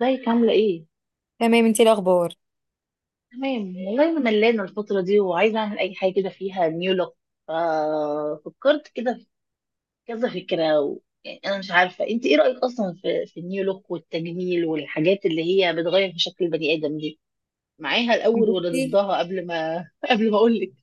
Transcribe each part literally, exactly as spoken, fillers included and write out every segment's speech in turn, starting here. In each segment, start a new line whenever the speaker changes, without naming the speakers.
ازيك؟ عاملة ايه؟
تمام، انتي إيه الاخبار؟
تمام والله، انا ملانة الفترة دي وعايزة اعمل اي حاجة كده فيها نيو لوك. ففكرت كده في كذا فكرة و... يعني انا مش عارفة انت ايه رأيك اصلا في, في النيو لوك والتجميل والحاجات اللي هي بتغير في شكل البني ادم دي؟ معاها الاول ولا
بصي
ضدها قبل ما قبل ما اقول.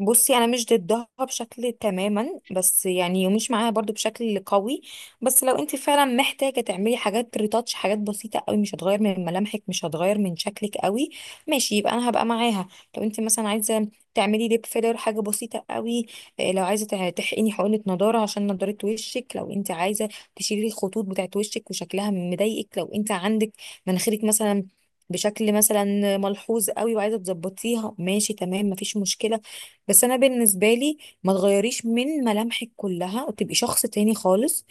بصي انا مش ضدها بشكل تماما، بس يعني ومش معاها برضو بشكل قوي. بس لو انت فعلا محتاجه تعملي حاجات ريتاتش، حاجات بسيطه قوي، مش هتغير من ملامحك، مش هتغير من شكلك قوي، ماشي يبقى انا هبقى معاها. لو انت مثلا عايزه تعملي ليب فيلر، حاجه بسيطه قوي. إيه، لو عايزه تع- تحقني حقنه نضاره عشان نضاره وشك، لو انت عايزه تشيلي الخطوط بتاعت وشك وشكلها مضايقك، لو انت عندك مناخيرك مثلا بشكل مثلا ملحوظ قوي وعايزه تظبطيها، ماشي تمام مفيش مشكله. بس انا بالنسبه لي، ما تغيريش من ملامحك كلها وتبقي شخص تاني خالص.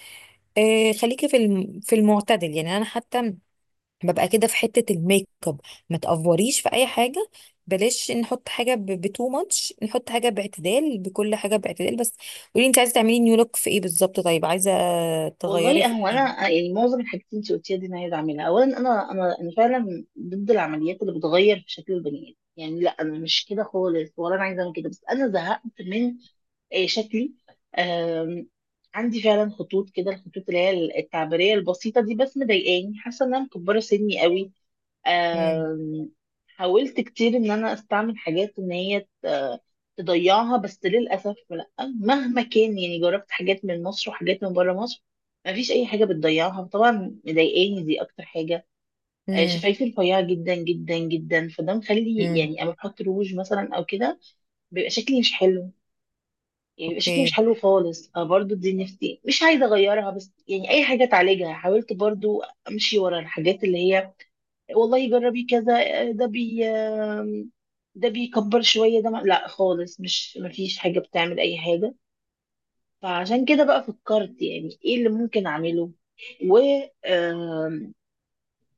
آه، خليكي في الم... في المعتدل، يعني انا حتى ببقى كده في حته الميك اب، ما تافوريش في اي حاجه. بلاش نحط حاجه بتو ماتش، نحط حاجه باعتدال، بكل حاجه باعتدال بس. قولي انت عايزه تعملي نيو لوك في ايه بالظبط؟ طيب، عايزه تغيري
والله
في
هو
ايه؟
انا يعني معظم الحاجات اللي انت قلتيها دي انا عايزه اعملها. اولا انا انا انا فعلا ضد العمليات اللي بتغير في شكل البني ادم. يعني لا، انا مش كده خالص، ولا انا عايزه اعمل كده، بس انا زهقت من آه، شكلي. آم، عندي فعلا خطوط كده، الخطوط اللي هي التعبيريه البسيطه دي، بس مضايقاني. حاسه ان انا مكبره سني قوي.
امم.
آم، حاولت كتير ان انا استعمل حاجات ان هي ت- تضيعها، بس للاسف لا. مهما كان، يعني جربت حاجات من مصر وحاجات من بره مصر، ما فيش اي حاجه بتضيعها طبعا. مضايقاني دي اكتر حاجه. آه، شفايفي رفيعه جدا جدا جدا، فده مخلي
امم.
يعني اما بحط روج مثلا او كده بيبقى شكلي مش حلو. يعني بيبقى شكلي مش
اوكي.
حلو خالص، فبرضه دي نفسي مش عايزه اغيرها، بس يعني اي حاجه تعالجها حاولت برضه امشي ورا الحاجات اللي هي، والله جربي كذا. ده بي ده بيكبر شوية، ده ما... لا خالص، مش مفيش حاجة بتعمل أي حاجة. فعشان كده بقى فكرت يعني ايه اللي ممكن أعمله و آم،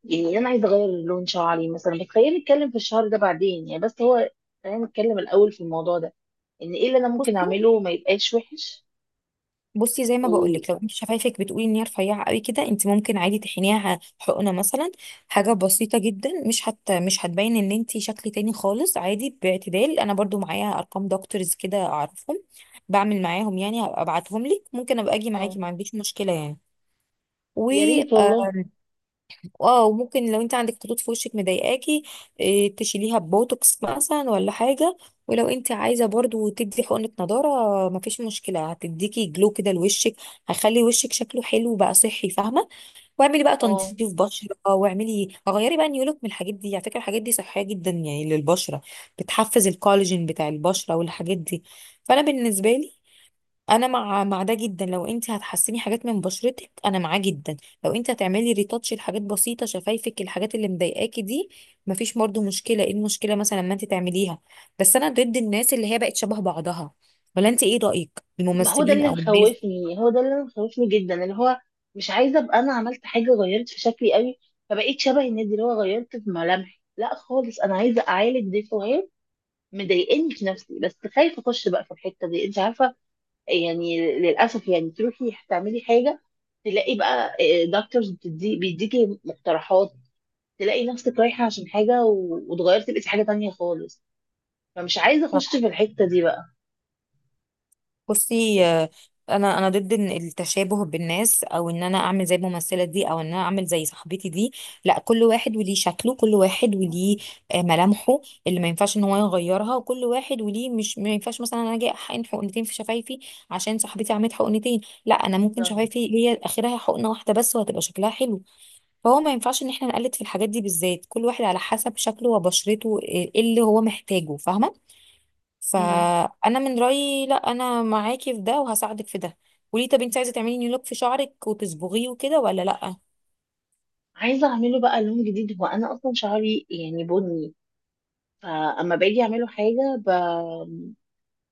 يعني أنا عايزة أغير لون شعري مثلا، بس خلينا نتكلم في الشهر ده بعدين يعني. بس هو خلينا نتكلم الأول في الموضوع ده، إن ايه اللي أنا ممكن
بصي
أعمله ما يبقاش وحش.
بصي زي ما
و
بقولك، لو انت شفايفك بتقولي ان هي رفيعه قوي كده، انت ممكن عادي تحنيها حقنه مثلا. حاجه بسيطه جدا، مش هت مش هتبين ان انت شكل تاني خالص، عادي باعتدال. انا برضو معايا ارقام دكتورز كده اعرفهم، بعمل معاهم، يعني هبقى ابعتهم لك، ممكن ابقى اجي
اه،
معاكي ما عنديش مشكله
يا ريت
يعني.
والله.
اه. وممكن لو انت عندك خطوط في وشك مضايقاكي، إيه، تشيليها ببوتوكس مثلا ولا حاجه. ولو انت عايزه برضو تدي حقنه نضاره مفيش مشكله، هتديكي جلو كده لوشك، هيخلي وشك شكله حلو بقى، صحي، فاهمه؟ واعملي بقى
اه،
تنظيف بشره، واعملي غيري بقى نيولك من الحاجات دي. على فكره الحاجات دي صحيه جدا يعني للبشره، بتحفز الكولاجين بتاع البشره والحاجات دي. فانا بالنسبه لي، انا مع مع ده جدا. لو انت هتحسني حاجات من بشرتك انا معاه جدا. لو انت هتعملي ريتاتش لحاجات بسيطه، شفايفك الحاجات اللي مضايقاكي دي، مفيش برضه مشكله. ايه المشكله مثلا ما انت تعمليها. بس انا ضد الناس اللي هي بقت شبه بعضها، ولا انت ايه رايك؟
ما هو ده
الممثلين
اللي
او الناس.
مخوفني، هو ده اللي مخوفني جدا، اللي هو مش عايزه ابقى انا عملت حاجه غيرت في شكلي قوي فبقيت شبه النادي، اللي هو غيرت في ملامحي. لا خالص، انا عايزه اعالج ديفوهات مضايقني في نفسي، بس خايفه اخش بقى في الحته دي، انت عارفه. يعني للاسف يعني تروحي تعملي حاجه، تلاقي بقى دكتورز بتدي بيديكي مقترحات، تلاقي نفسك رايحه عشان حاجه و- وتغيرتي بقيتي حاجه تانية خالص. فمش عايزه اخش في الحته دي بقى.
بصي، آه، انا انا ضد إن التشابه بالناس، او ان انا اعمل زي الممثله دي، او ان انا اعمل زي صاحبتي دي. لا، كل واحد وليه شكله، كل واحد وليه آه، ملامحه اللي ما ينفعش ان هو يغيرها، وكل واحد وليه، مش ما ينفعش مثلا انا اجي احقن حقنتين في شفايفي عشان صاحبتي عملت حقنتين. لا، انا ممكن
بالظبط.
شفايفي هي اخرها حقنه واحده بس وهتبقى شكلها حلو. فهو ما ينفعش ان احنا نقلد في الحاجات دي بالذات. كل واحد على حسب شكله وبشرته، آه، إيه اللي هو محتاجه، فاهمه؟ فانا من رايي لا، انا معاكي في ده وهساعدك في ده. قولي، طب انت عايزه تعملي نيو لوك في شعرك وتصبغيه وكده ولا لا؟
عايزة اعمله بقى لون جديد. هو انا اصلا شعري يعني بني، فاما باجي اعمله حاجة ب...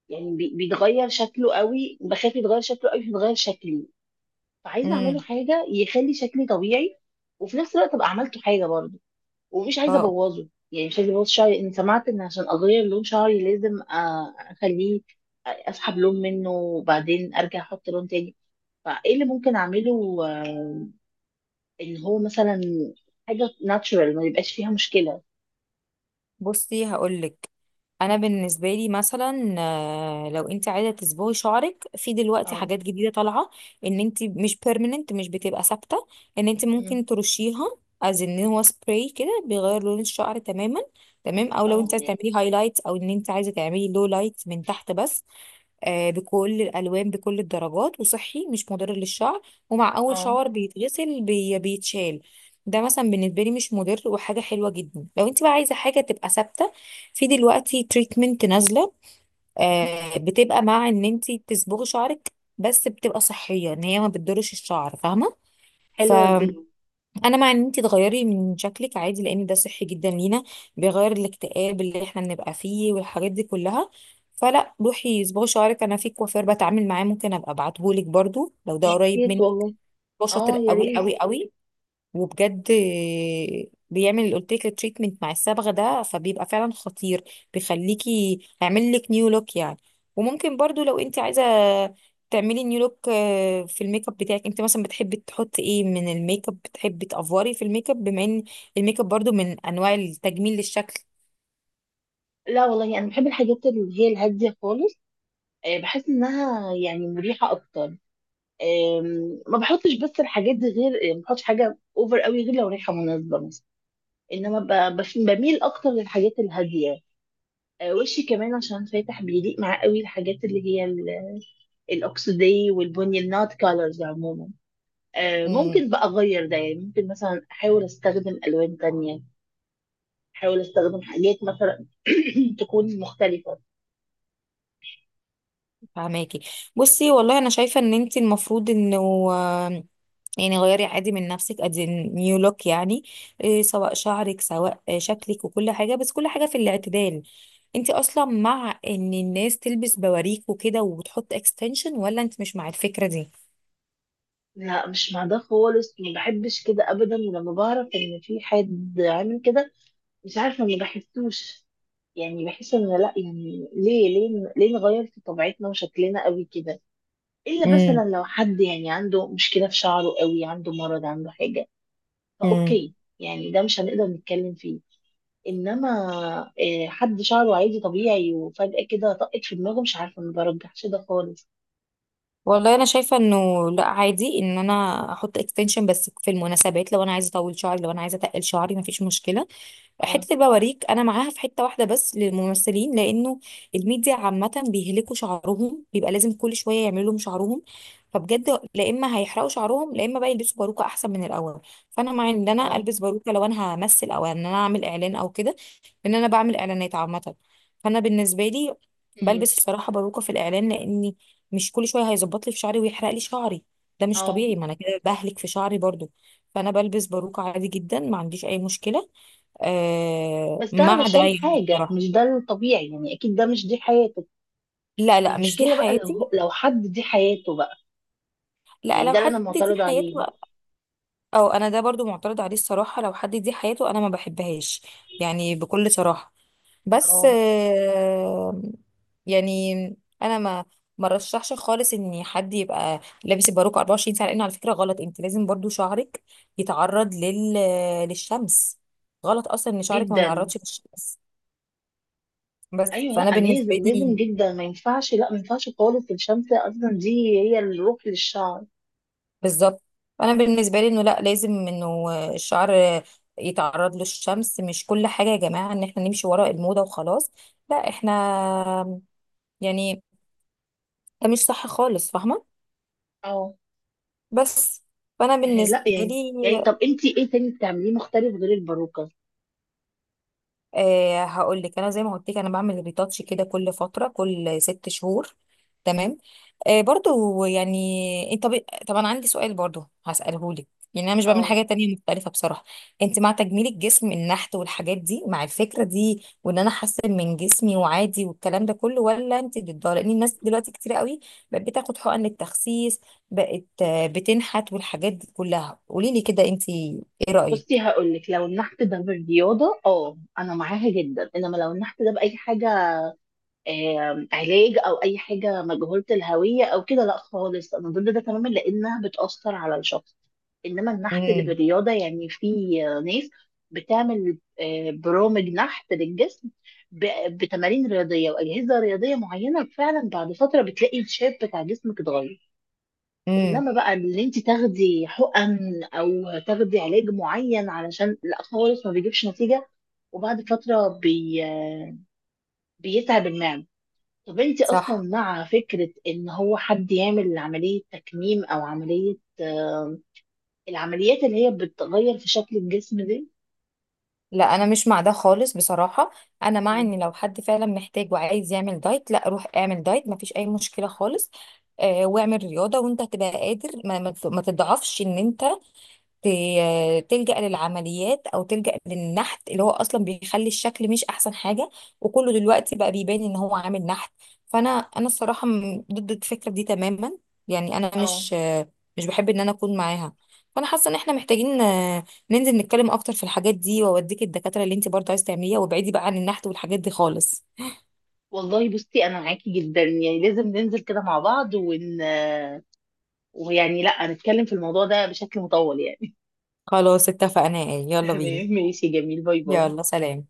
يعني بي- بيتغير شكله قوي. بخاف يتغير شكله قوي فيتغير شكلي. فعايزة اعمله
امم.
حاجة يخلي شكلي طبيعي، وفي نفس الوقت ابقى عملته حاجة برضه. ومش عايزة
اه.
ابوظه، يعني مش عايزة ابوظ شعري. ان سمعت ان عشان اغير لون شعري لازم أ- اخليه اسحب لون منه وبعدين ارجع احط لون تاني. فايه اللي ممكن اعمله آه، ان هو مثلا حاجة ناتشورال ما يبقاش فيها مشكلة.
بصي هقولك، انا بالنسبه لي مثلا آه، لو انت عايزه تصبغي شعرك، في دلوقتي
اه.
حاجات جديده طالعه ان انت مش بيرمننت، مش بتبقى ثابته، ان انت
مم.
ممكن ترشيها از ان هو سبراي كده بيغير لون الشعر تماما. تمام او لو
اه.
انت عايزه تعملي هايلايت، او ان انت عايزه تعملي لو لايت من تحت بس، آه، بكل الالوان، بكل الدرجات، وصحي مش مضر للشعر، ومع اول
اه.
شاور بيتغسل بي بيتشال. ده مثلا بالنسبه لي مش مضر وحاجه حلوه جدا. لو انت بقى عايزه حاجه تبقى ثابته، في دلوقتي تريتمنت نازله، آه، بتبقى مع ان انت تصبغي شعرك، بس بتبقى صحيه ان هي ما بتضرش الشعر، فاهمه؟
حلوة دي.
انا مع ان انت تغيري من شكلك عادي، لان ده صحي جدا لينا، بيغير الاكتئاب اللي احنا بنبقى فيه والحاجات دي كلها. فلا، روحي صباغي شعرك. انا في كوافير بتعامل معاه، ممكن ابقى ابعتهولك برضو لو ده
يا
قريب
ريت
منك.
والله.
هو شاطر
اه، يا
قوي
ريت.
قوي قوي، وبجد بيعمل اللي قلت لك التريتمنت مع الصبغه ده، فبيبقى فعلا خطير، بيخليكي، هيعمل لك نيو لوك يعني. وممكن برضو لو انت عايزه تعملي نيو لوك آه، في الميك اب بتاعك. انت مثلا بتحبي تحطي ايه من الميك اب؟ بتحبي تافوري في الميك اب، بما ان الميك اب برضو من انواع التجميل للشكل.
لا والله، انا بحب الحاجات اللي هي الهاديه خالص. آه، بحس انها يعني مريحه اكتر. آم، ما بحطش بس الحاجات دي غير، آه، ما بحطش حاجه اوفر قوي غير لو ريحه مناسبه مثلا. انما ب- بس- بميل اكتر للحاجات الهاديه. آه، وشي كمان عشان فاتح بيليق معاه قوي الحاجات اللي هي ال- الاكسدي والبني، النات كالرز عموما. آه،
امم.
ممكن بقى اغير ده، يعني ممكن مثلا احاول استخدم الوان تانية، احاول استخدم حاجات مثلا تكون مختلفة.
فهماكي. بصي، والله انا شايفه ان انت المفروض انه يعني غيري عادي من نفسك، ادي نيو لوك يعني، إيه سواء شعرك، سواء آه، شكلك، وكل حاجة، بس كل حاجة في الاعتدال. انت اصلا مع ان الناس تلبس بواريك وكده وتحط اكستنشن، ولا انت مش مع الفكرة دي؟
لا، مش مع ده خالص، ما بحبش كده ابدا. ولما بعرف ان في حد عامل كده مش عارفة، ما بحسوش. يعني بحس ان لا، يعني ليه ليه ليه نغير في طبيعتنا وشكلنا قوي كده؟ الا
امم.
مثلا لو حد يعني عنده مشكلة في شعره قوي، عنده مرض، عنده حاجة،
امم.
فاوكي، يعني ده مش هنقدر نتكلم فيه. انما آه، حد شعره عادي طبيعي وفجأة كده طقت في دماغه، مش عارفة، ما برجحش ده خالص.
والله انا شايفة انه لا، عادي ان انا احط اكستنشن بس في المناسبات، لو انا عايزة اطول شعري، لو انا عايزة اتقل شعري مفيش مشكلة.
اه.
حته البواريك انا معاها في حته واحده بس للممثلين، لانه الميديا عامه بيهلكوا شعرهم، بيبقى لازم كل شويه يعملوا لهم شعرهم، فبجد لا. اما هيحرقوا شعرهم، لا اما بقى يلبسوا باروكه احسن من الاول. فانا مع ان انا
اه.
البس باروكه لو انا همثل او ان انا اعمل اعلان او كده، لان انا بعمل اعلانات عامه. فانا بالنسبه لي
مم.
بلبس الصراحه باروكه في الاعلان، لاني مش كل شويه هيظبط لي في شعري ويحرق لي شعري. ده مش
اه.
طبيعي، ما انا كده بهلك في شعري برضو. فانا بلبس باروكه عادي جدا، ما عنديش اي مشكله آه
بس ده
مع ده
علشان
يعني
حاجة،
بصراحة.
مش ده الطبيعي يعني. أكيد ده مش، دي حياته.
لا لا، مش دي
المشكلة بقى لو
حياتي.
هو- لو حد دي حياته بقى،
لا،
يعني
لو
ده اللي
حد
أنا
دي
معترضة
حياته،
عليه.
او انا ده برضو معترض عليه الصراحة. لو حد دي حياته انا ما بحبهاش، يعني بكل صراحة. بس
اه،
آه يعني انا ما ما رشحش خالص ان حد يبقى لابس الباروكة 24 ساعة، لانه على فكرة غلط. انت لازم برضو شعرك يتعرض لل للشمس. غلط اصلا ان شعرك ما
جدا.
يتعرضش للشمس. بس
أيوه،
فانا
لأ
بالنسبة
لازم، لازم
لي،
جدا، ما ينفعش، لأ ما ينفعش خالص. الشمس أصلا دي هي الروح للشعر.
بالظبط. انا بالنسبه لي انه لا، لازم انه الشعر يتعرض للشمس. مش كل حاجه يا جماعه ان احنا نمشي ورا الموضه وخلاص. لا احنا يعني، ده مش صح خالص، فاهمه؟
اه.
بس فانا
آه، لأ
بالنسبه
يعني.
لي،
يعني طب أنتي إيه تاني بتعمليه مختلف غير الباروكة؟
أه هقول لك، انا زي ما قلت لك انا بعمل ريتاتش كده كل فتره، كل ست شهور. تمام. أه برضو يعني، انت طب، طب انا عندي سؤال برضو هساله لك، يعني انا مش بعمل
اه،
حاجه تانية مختلفه بصراحه. انت مع تجميل الجسم، النحت والحاجات دي، مع الفكره دي وان انا احسن من جسمي وعادي والكلام ده كله، ولا انت ضدها؟ لان الناس دلوقتي كتير قوي بقت بتاخد حقن التخسيس، بقت آه، بتنحت والحاجات دي كلها. قولي لي كده انت ايه
بصي
رايك؟
هقول لك، لو النحت ده بالرياضة اه أنا معاها جدا، إنما لو النحت ده بأي حاجة آم، علاج او اي حاجه مجهوله الهويه او كده، لا خالص، انا ضد ده تماما، لانها بتاثر على الشخص. انما النحت اللي
امم.
بالرياضه، يعني في ناس بتعمل آه، برامج نحت للجسم ب- بتمارين رياضيه واجهزه رياضيه معينه، فعلا بعد فتره بتلاقي الشيب بتاع جسمك اتغير.
امم.
انما بقى اللي انت تاخدي حقن او تاخدي علاج معين علشان، لا خالص ما بيجيبش نتيجه، وبعد فتره بي... آه، بيتعب المعده. طب انت اصلا
صح.
مع فكرة ان هو حد يعمل عملية تكميم، او عملية آه، العمليات اللي هي بتغير في شكل الجسم دي؟
لا، انا مش مع ده خالص بصراحه. انا مع
مم.
ان لو حد فعلا محتاج وعايز يعمل دايت، لا روح اعمل دايت مفيش اي مشكله خالص. آه واعمل رياضه، وانت هتبقى قادر، ما, ما ما تضعفش ان انت ت- تلجأ للعمليات او تلجأ للنحت، اللي هو اصلا بيخلي الشكل مش احسن حاجة، وكله دلوقتي بقى بيبان ان هو عامل نحت. فانا انا الصراحة م- ضد الفكرة دي تماما، يعني انا
اه.
مش مش بحب ان انا اكون معاها. فانا حاسة ان احنا محتاجين آه، ننزل نتكلم اكتر في الحاجات دي، واوديك الدكاترة اللي انت برضه عايز تعمليها، وابعدي بقى عن النحت والحاجات دي خالص.
والله بصي، انا معاكي جدا، يعني لازم ننزل كده مع بعض ون آه، ويعني لا نتكلم في الموضوع ده بشكل مطول يعني.
خلاص، اتفقنا، ايه يلا بينا.
تمام، ماشي، جميل، باي باي.
يلا سلام.